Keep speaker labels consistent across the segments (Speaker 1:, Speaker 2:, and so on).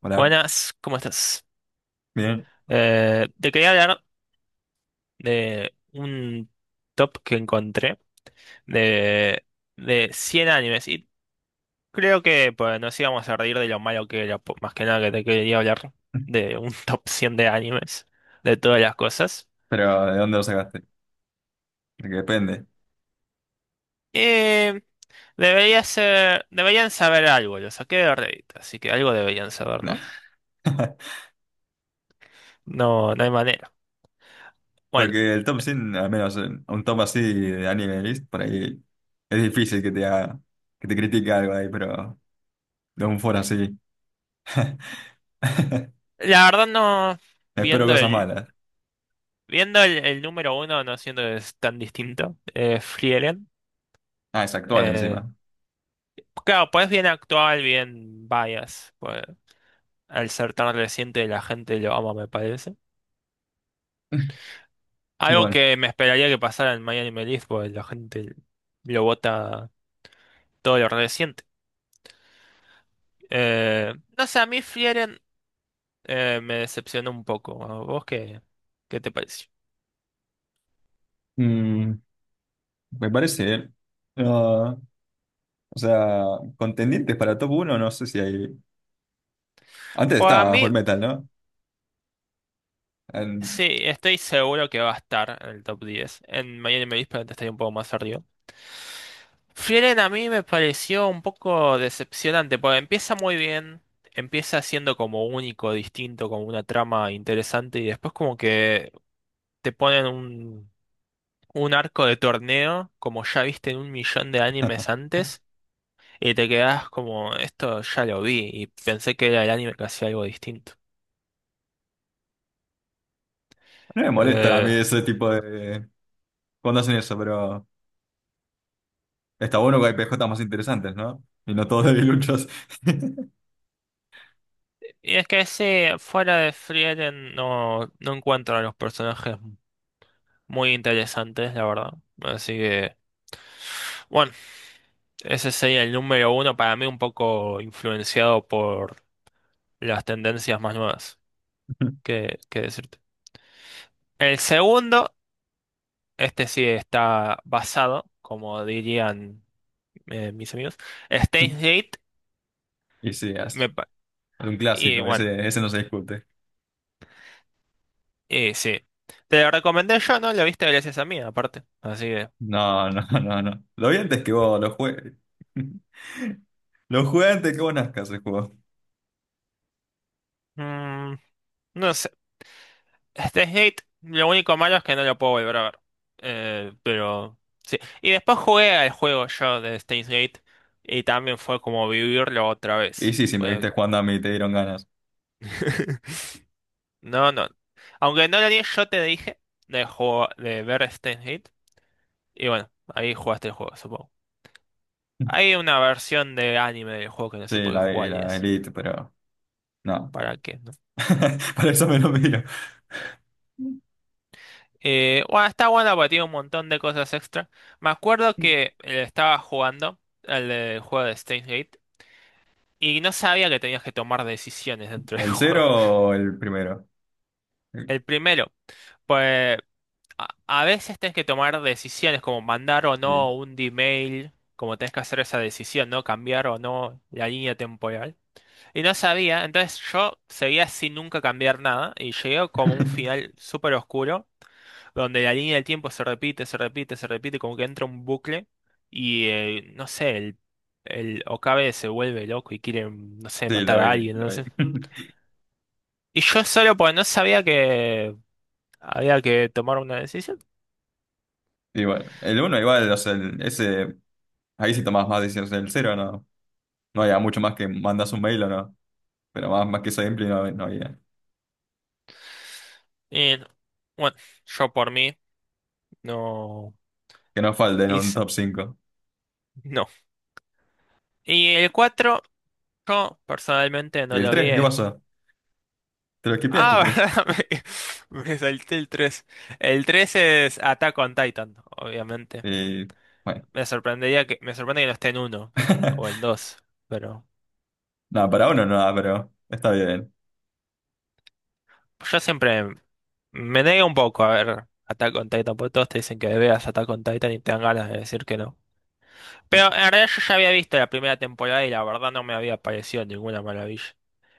Speaker 1: Hola,
Speaker 2: Buenas, ¿cómo estás?
Speaker 1: bien.
Speaker 2: Te quería hablar de un top que encontré de, de 100 animes y creo que pues, nos íbamos a reír de lo malo que era, más que nada que te quería hablar de un top 100 de animes, de todas las cosas.
Speaker 1: Pero ¿de dónde lo sacaste? Porque depende.
Speaker 2: Y debería ser, deberían saber algo, lo saqué de Reddit, así que algo deberían saber,
Speaker 1: Nah.
Speaker 2: ¿no? No, no hay manera. Bueno,
Speaker 1: Porque el top 100, al menos un top así de anime list, por ahí es difícil que te critique algo ahí, pero de un foro así.
Speaker 2: la verdad no,
Speaker 1: Espero
Speaker 2: viendo
Speaker 1: cosas
Speaker 2: el
Speaker 1: malas.
Speaker 2: Viendo el número uno, no siendo es tan distinto, Frieren,
Speaker 1: Ah, es actual encima.
Speaker 2: eh, claro, pues bien actual, bien bias, pues, al ser tan reciente la gente lo ama, me parece.
Speaker 1: Y
Speaker 2: Algo
Speaker 1: bueno,
Speaker 2: que me esperaría que pasara en Miami Melif, pues la gente lo vota todo lo reciente. No sé, a mí Frieren me decepcionó un poco. ¿A ¿Vos qué te pareció?
Speaker 1: mm, me parece. No, o sea, contendientes para top uno no sé si hay. Antes
Speaker 2: Pues a
Speaker 1: estaba
Speaker 2: mí
Speaker 1: Fullmetal, ¿no? En-
Speaker 2: Sí, estoy seguro que va a estar en el top 10. En Miami me probablemente estaría un poco más arriba. Frieren a mí me pareció un poco decepcionante, porque empieza muy bien, empieza siendo como único, distinto, como una trama interesante, y después como que te ponen un arco de torneo, como ya viste en un millón de animes antes, y te quedas como, esto ya lo vi, y pensé que era el anime que hacía algo distinto.
Speaker 1: no me molestan a mí
Speaker 2: Eh,
Speaker 1: ese tipo de. Cuando hacen eso, pero. Está bueno que hay PJ más interesantes, ¿no? Y no todos debiluchos.
Speaker 2: Y es que sí, fuera de Frieren no encuentro a los personajes muy interesantes, la verdad. Así que, bueno, ese sería el número uno para mí un poco influenciado por las tendencias más nuevas. ¿Qué decirte? El segundo, este sí está basado, como dirían mis amigos, Steins Gate.
Speaker 1: Y sí,
Speaker 2: me
Speaker 1: es
Speaker 2: pa-
Speaker 1: es un
Speaker 2: y
Speaker 1: clásico,
Speaker 2: bueno,
Speaker 1: ese no se discute.
Speaker 2: y sí. Te lo recomendé yo, ¿no? Lo viste gracias a mí, aparte. Así que.
Speaker 1: No, no, no, no. Lo vi antes que vos, lo jugué. Lo jugué antes que vos nazcas el juego.
Speaker 2: mm, no sé. Este Gate, lo único malo es que no lo puedo volver a ver. Pero sí. Y después jugué al juego yo de Steins Gate y también fue como vivirlo otra
Speaker 1: Y
Speaker 2: vez.
Speaker 1: sí, si me viste jugando a mí, te dieron ganas.
Speaker 2: No, no. Aunque no lo di, yo te dije de, juego, de ver Steins Gate. Y bueno, ahí jugaste el juego, supongo. Hay una versión de anime del juego que no se
Speaker 1: Sí,
Speaker 2: puede
Speaker 1: la vi,
Speaker 2: jugar y
Speaker 1: la
Speaker 2: es.
Speaker 1: Elite, pero no.
Speaker 2: ¿Para qué? ¿No?
Speaker 1: Para eso me lo miro.
Speaker 2: Bueno, está bueno porque tiene un montón de cosas extra. Me acuerdo que estaba jugando juego de Steins Gate. Y no sabía que tenías que tomar decisiones dentro del
Speaker 1: ¿El
Speaker 2: juego.
Speaker 1: cero o el primero?
Speaker 2: El primero, pues a veces tenés que tomar decisiones como mandar o
Speaker 1: Sí,
Speaker 2: no un D-mail, como tenés que hacer esa decisión, ¿no? Cambiar o no la línea temporal. Y no sabía, entonces yo seguía sin nunca cambiar nada y llegué como a un final súper oscuro, donde la línea del tiempo se repite, se repite, se repite, como que entra un bucle y no sé, el Okabe se vuelve loco y quiere, no sé,
Speaker 1: sí,
Speaker 2: matar
Speaker 1: lo
Speaker 2: a
Speaker 1: vi,
Speaker 2: alguien, no
Speaker 1: lo
Speaker 2: sé.
Speaker 1: vi.
Speaker 2: Y yo solo porque no sabía que había que tomar una decisión.
Speaker 1: Y bueno, el uno igual, o sea, ese, ahí sí tomás más decisiones. El cero no. No había mucho más que mandas un mail o no. Pero más que esa gameplay no, no había.
Speaker 2: Y no. Bueno, yo por mí no
Speaker 1: Que no falte en un
Speaker 2: hice,
Speaker 1: top cinco.
Speaker 2: no. Y el 4 yo personalmente
Speaker 1: ¿Y
Speaker 2: no
Speaker 1: el
Speaker 2: lo vi.
Speaker 1: tres? ¿Qué pasó? ¿Te lo skipeaste el
Speaker 2: Ah,
Speaker 1: tres?
Speaker 2: verdad, me salté el tres. El tres es Attack on Titan, obviamente.
Speaker 1: Eh, bueno.
Speaker 2: Me sorprende que no esté en 1, o en dos. Pero
Speaker 1: Nada, para uno nada, pero está bien.
Speaker 2: yo siempre me niego un poco a ver Attack on Titan, porque todos te dicen que veas Attack on Titan y te dan ganas de decir que no. Pero en realidad yo ya había visto la primera temporada y la verdad no me había parecido ninguna maravilla.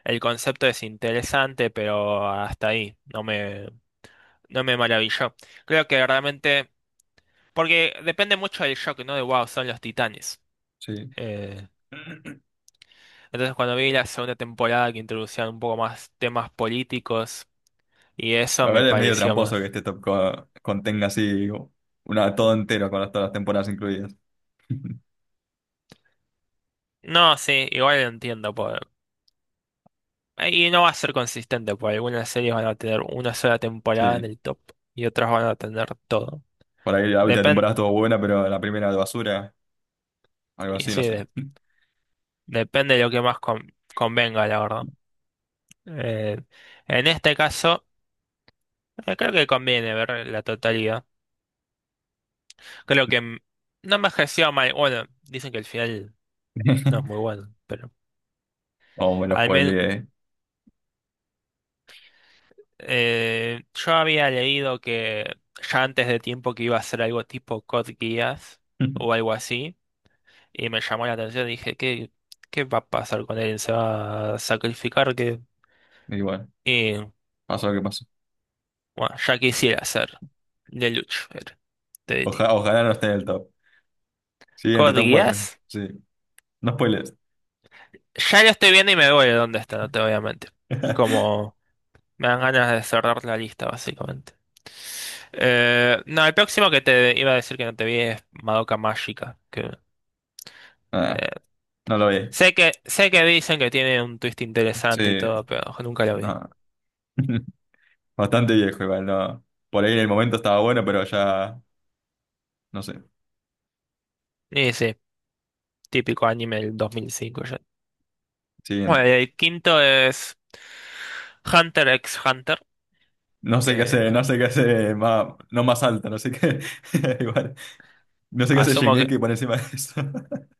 Speaker 2: El concepto es interesante, pero hasta ahí no me maravilló. Creo que realmente, porque depende mucho del shock, ¿no? De wow, son los titanes.
Speaker 1: Sí.
Speaker 2: Eh, entonces cuando vi la segunda temporada que introducían un poco más temas políticos y eso
Speaker 1: A
Speaker 2: me
Speaker 1: ver, es medio
Speaker 2: pareció
Speaker 1: tramposo que
Speaker 2: más.
Speaker 1: este top contenga así una, todo entero con todas las temporadas incluidas.
Speaker 2: No, sí, igual lo entiendo. Por. Y no va a ser consistente, porque algunas series van a tener una sola temporada en
Speaker 1: Sí.
Speaker 2: el top y otras van a tener todo.
Speaker 1: Por ahí la última
Speaker 2: Depen-
Speaker 1: temporada estuvo buena, pero la primera de basura, algo
Speaker 2: Y
Speaker 1: así, no
Speaker 2: sí,
Speaker 1: sé.
Speaker 2: depende de lo que más convenga, la verdad. Eh, en este caso, creo que conviene ver la totalidad. Creo que no me ejerció mal. Bueno, dicen que el final no es muy bueno, pero
Speaker 1: O me lo
Speaker 2: al menos
Speaker 1: spoileé.
Speaker 2: yo había leído que ya antes de tiempo que iba a ser algo tipo Code Geass o algo así, y me llamó la atención. Dije, ¿qué va a pasar con él? ¿Se va a sacrificar? ¿Qué?
Speaker 1: Igual,
Speaker 2: Y
Speaker 1: pasó lo que pasó.
Speaker 2: bueno, ya quisiera ser Lelouch, era, de DT.
Speaker 1: Ojalá no esté en el top. Siguiente, top cuatro.
Speaker 2: ¿Codías?
Speaker 1: Sí. No spoilers.
Speaker 2: Ya lo estoy viendo y me duele dónde está, no te voy a mentir. Como me dan ganas de cerrar la lista, básicamente. No, el próximo que te iba a decir que no te vi es Madoka Mágica. Que,
Speaker 1: Ah,
Speaker 2: eh,
Speaker 1: no lo vi.
Speaker 2: sé que dicen que tiene un twist interesante y
Speaker 1: Sí,
Speaker 2: todo, pero nunca lo vi.
Speaker 1: no. Bastante viejo igual, no. Por ahí en el momento estaba bueno, pero ya, no sé.
Speaker 2: Y sí, típico anime del 2005 ya.
Speaker 1: Siguiente.
Speaker 2: Bueno, y el quinto es Hunter x Hunter,
Speaker 1: No sé qué
Speaker 2: que
Speaker 1: hace, no sé qué hace más, no más alta, no sé qué. Igual. No sé qué hace
Speaker 2: asumo
Speaker 1: Shingeki por encima de eso.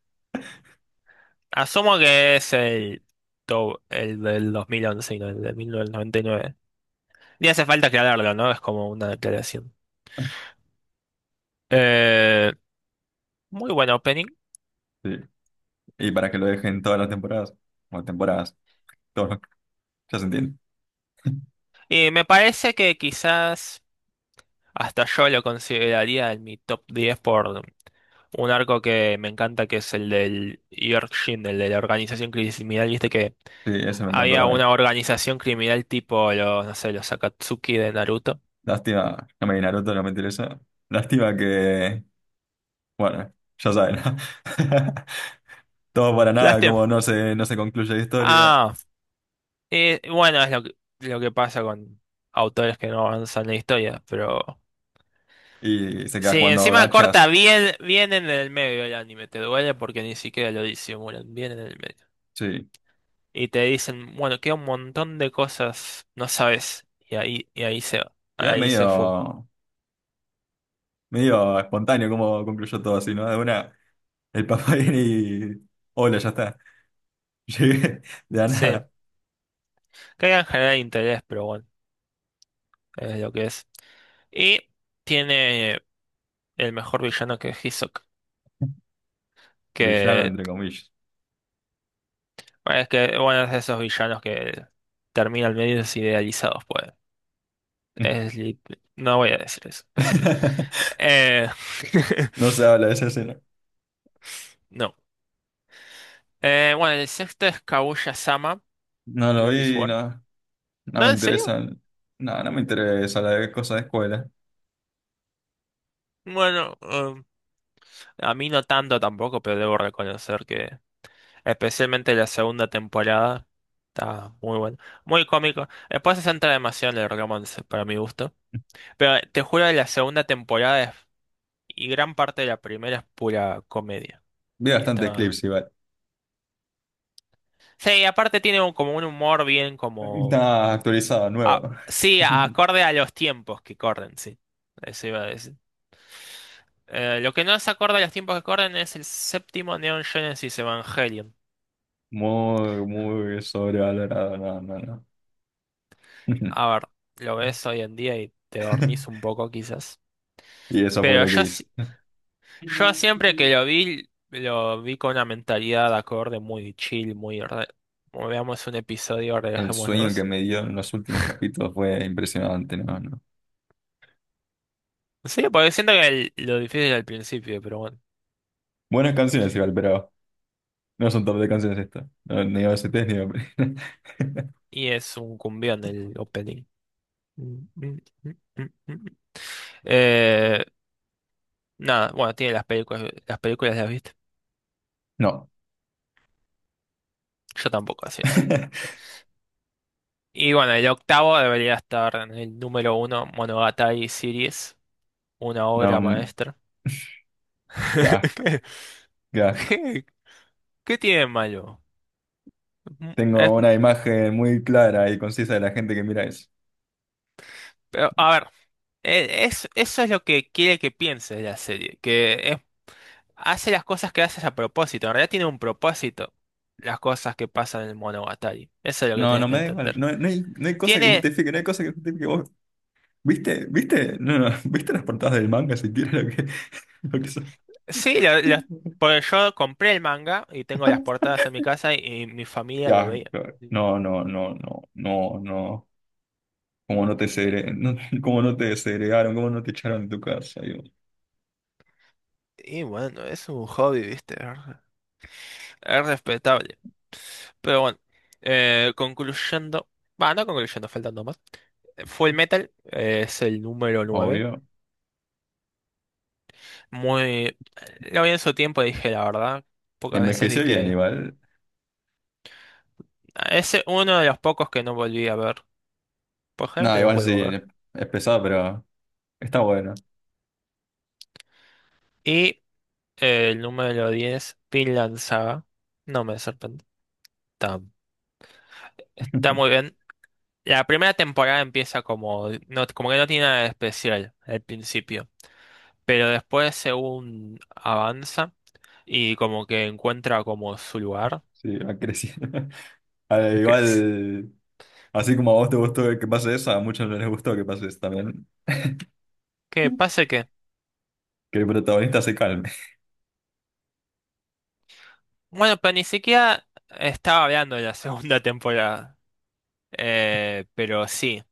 Speaker 2: Asumo que es el del 2011 y no el del 1999. Ni hace falta aclararlo, ¿no? Es como una declaración. Eh, Muy buen opening.
Speaker 1: Sí. Y para que lo dejen todas las temporadas. O temporadas, todos los- ya se entiende.
Speaker 2: Y me parece que quizás hasta yo lo consideraría en mi top 10 por un arco que me encanta, que es el del Yorkshin, el de la organización criminal. Viste que
Speaker 1: Sí, eso me encantó
Speaker 2: había
Speaker 1: también.
Speaker 2: una organización criminal tipo los, no sé, los Akatsuki de Naruto.
Speaker 1: Lástima, no me vi Naruto, no me interesa. Lástima que, bueno, ya saben, ¿no? Todo para nada,
Speaker 2: Lástima.
Speaker 1: como no se concluye la historia
Speaker 2: Ah, bueno, es lo que pasa con autores que no avanzan la historia, pero.
Speaker 1: y se queda
Speaker 2: Sí,
Speaker 1: jugando
Speaker 2: encima
Speaker 1: gachas.
Speaker 2: corta bien, bien en el medio el anime, te duele porque ni siquiera lo disimulan, bien en el medio.
Speaker 1: Sí,
Speaker 2: Y te dicen, bueno, queda un montón de cosas, no sabes,
Speaker 1: igual
Speaker 2: ahí se fue.
Speaker 1: medio espontáneo como concluyó todo así, ¿no? De una, el papá viene y. Hola, ya está. Llegué de la
Speaker 2: Sí,
Speaker 1: nada.
Speaker 2: que en general interés, pero bueno, es lo que es. Y tiene el mejor villano que es Hisoka,
Speaker 1: Villano,
Speaker 2: que
Speaker 1: entre comillas.
Speaker 2: que, bueno, es de esos villanos que terminan medios idealizados, pues. Sleep. No voy a decir eso. Espérate. Eh,
Speaker 1: No se habla de esa escena.
Speaker 2: no. Bueno, el sexto es Kaguya-sama,
Speaker 1: No
Speaker 2: de
Speaker 1: lo
Speaker 2: Love is
Speaker 1: vi,
Speaker 2: War.
Speaker 1: no. No
Speaker 2: ¿No,
Speaker 1: me
Speaker 2: en serio?
Speaker 1: interesan. No, no me interesa la de cosas de escuela.
Speaker 2: Bueno, a mí no tanto tampoco, pero debo reconocer que especialmente la segunda temporada está muy buena. Muy cómico. Después se centra demasiado en el romance, para mi gusto. Pero te juro que la segunda temporada y gran parte de la primera es pura comedia.
Speaker 1: Vi
Speaker 2: Y
Speaker 1: bastantes
Speaker 2: está.
Speaker 1: clips igual.
Speaker 2: Sí, aparte tiene como un humor bien como.
Speaker 1: Está actualizado,
Speaker 2: Ah,
Speaker 1: nuevo.
Speaker 2: sí, acorde a los tiempos que corren, sí. Eso iba a decir. Lo que no es acorde a los tiempos que corren es el séptimo Neon Genesis Evangelion.
Speaker 1: Muy, muy sobrevalorado. No, no, no.
Speaker 2: A ver, lo ves hoy en día y te dormís un poco quizás.
Speaker 1: Y eso fue
Speaker 2: Pero
Speaker 1: lo que
Speaker 2: yo,
Speaker 1: hice.
Speaker 2: yo siempre que lo vi con una mentalidad acorde muy chill, muy, como veamos un episodio,
Speaker 1: El sueño que
Speaker 2: relajémonos.
Speaker 1: me dio en los últimos capítulos fue impresionante, ¿no? No.
Speaker 2: Sí, porque siento que lo difícil al principio, pero bueno.
Speaker 1: Buenas canciones igual, pero no son top de canciones estas. No, ni OSTs ni OP.
Speaker 2: Y es un cumbión el opening. Mm, mm, mm, mm, mm. Eh, Nada, bueno, tiene las películas, las películas las viste.
Speaker 1: No.
Speaker 2: Yo tampoco, así es. Y bueno, el octavo debería estar en el número uno, Monogatari Series, una
Speaker 1: No,
Speaker 2: obra maestra.
Speaker 1: qué asco,
Speaker 2: ¿Qué,
Speaker 1: qué asco.
Speaker 2: qué qué tiene de malo? Mm, es-
Speaker 1: Tengo una imagen muy clara y concisa de la gente que mira eso.
Speaker 2: pero, a ver, eso es lo que quiere que piense la serie, que hace las cosas que haces a propósito, en realidad tiene un propósito las cosas que pasan en Monogatari, eso es lo que
Speaker 1: No, no
Speaker 2: tienes que
Speaker 1: me da igual.
Speaker 2: entender.
Speaker 1: No, no hay cosa que
Speaker 2: Tiene
Speaker 1: justifique, no hay cosa que justifique. ¿Vos viste? ¿Viste? No, no. ¿Viste las portadas del manga siquiera lo que, lo que son?
Speaker 2: Sí, porque yo compré el manga y tengo las portadas en mi casa y mi familia lo
Speaker 1: Ya,
Speaker 2: veía.
Speaker 1: claro. No, no, no, no, no, no. ¿Cómo no te segre... no, ¿cómo no te desegregaron? ¿Cómo no te echaron de tu casa? Yo,
Speaker 2: Y bueno, es un hobby, ¿viste? Es respetable. Pero bueno, concluyendo, va, no concluyendo, faltando más. Full Metal es el número 9.
Speaker 1: obvio.
Speaker 2: Muy. Lo vi en su tiempo, dije la verdad. Pocas veces vi
Speaker 1: Envejeció bien,
Speaker 2: que.
Speaker 1: igual.
Speaker 2: Es uno de los pocos que no volví a ver. Por
Speaker 1: No,
Speaker 2: generalmente los
Speaker 1: igual
Speaker 2: vuelvo
Speaker 1: sí,
Speaker 2: a ver.
Speaker 1: es pesado, pero está bueno.
Speaker 2: Y el número 10, Vinland Saga. No me sorprende. Está, está muy bien. La primera temporada empieza como, no, como que no tiene nada de especial al principio, pero después según avanza y como que encuentra como su lugar.
Speaker 1: Sí, ha crecido. A ver,
Speaker 2: ¿Crees?
Speaker 1: igual, así como a vos te gustó que pase eso, a muchos no les gustó que pase eso también.
Speaker 2: ¿Qué pasa que?
Speaker 1: Que el protagonista se calme.
Speaker 2: Bueno, pero ni siquiera estaba hablando de la segunda temporada. Pero sí,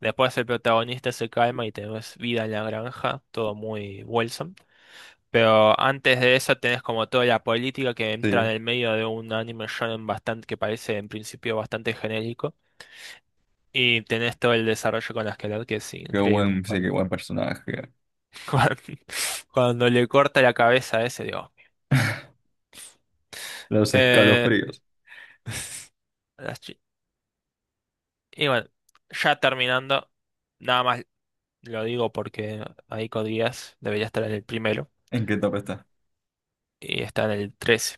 Speaker 2: después el protagonista se calma y tenemos vida en la granja, todo muy Wilson. Pero antes de eso tenés como toda la política que entra en
Speaker 1: Sí,
Speaker 2: el medio de un anime shonen bastante que parece en principio bastante genérico. Y tenés todo el desarrollo con la Esquelet, que es increíble.
Speaker 1: sí, qué
Speaker 2: Cuando,
Speaker 1: buen personaje.
Speaker 2: cuando, cuando le corta la cabeza a ese, digo.
Speaker 1: Los
Speaker 2: Eh,
Speaker 1: escalofríos.
Speaker 2: las chi- y bueno, ya terminando, nada más lo digo porque Aiko Díaz debería estar en el primero
Speaker 1: ¿En qué top está?
Speaker 2: y está en el 13.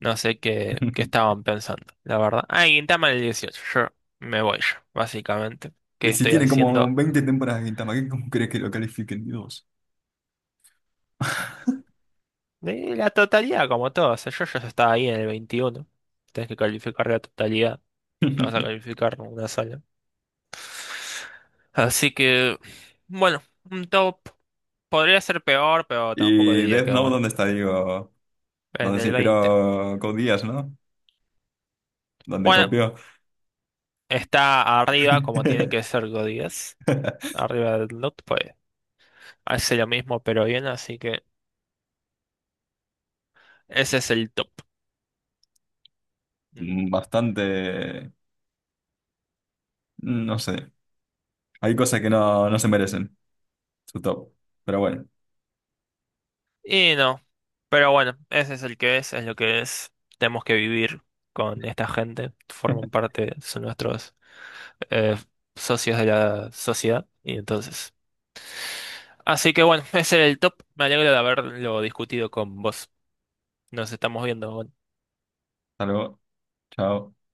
Speaker 2: No sé qué estaban pensando, la verdad. Ah, Gintama en el 18. Yo me voy yo, básicamente. ¿Qué
Speaker 1: Y si
Speaker 2: estoy
Speaker 1: tiene como
Speaker 2: haciendo
Speaker 1: 20
Speaker 2: acá?
Speaker 1: temporadas de Gintama, ¿cómo crees que lo califiquen? Dios.
Speaker 2: De la totalidad, como todo. O sea, yo ya estaba ahí en el 21. Tienes que calificar la totalidad. No vas a calificar una sola. Así que, bueno, un top. Podría ser peor, pero tampoco
Speaker 1: Y
Speaker 2: diría
Speaker 1: Death
Speaker 2: que
Speaker 1: Note,
Speaker 2: bueno.
Speaker 1: ¿dónde está? Digo,
Speaker 2: En
Speaker 1: donde se
Speaker 2: el 20.
Speaker 1: inspiró Code Geass, ¿no? Donde
Speaker 2: Bueno,
Speaker 1: copió.
Speaker 2: está arriba, como tiene que ser Godías. Arriba del not, pues hace lo mismo, pero bien. Así que ese es el top. Mm.
Speaker 1: Bastante, no sé. Hay cosas que no se merecen su top. Pero bueno,
Speaker 2: Y no, pero bueno, ese es el que es lo que es. Tenemos que vivir con esta gente, forman parte, son nuestros eh, socios de la sociedad, y entonces. Así que bueno, ese era el top. Me alegro de haberlo discutido con vos. Nos estamos viendo, bueno.
Speaker 1: hasta luego. Chao.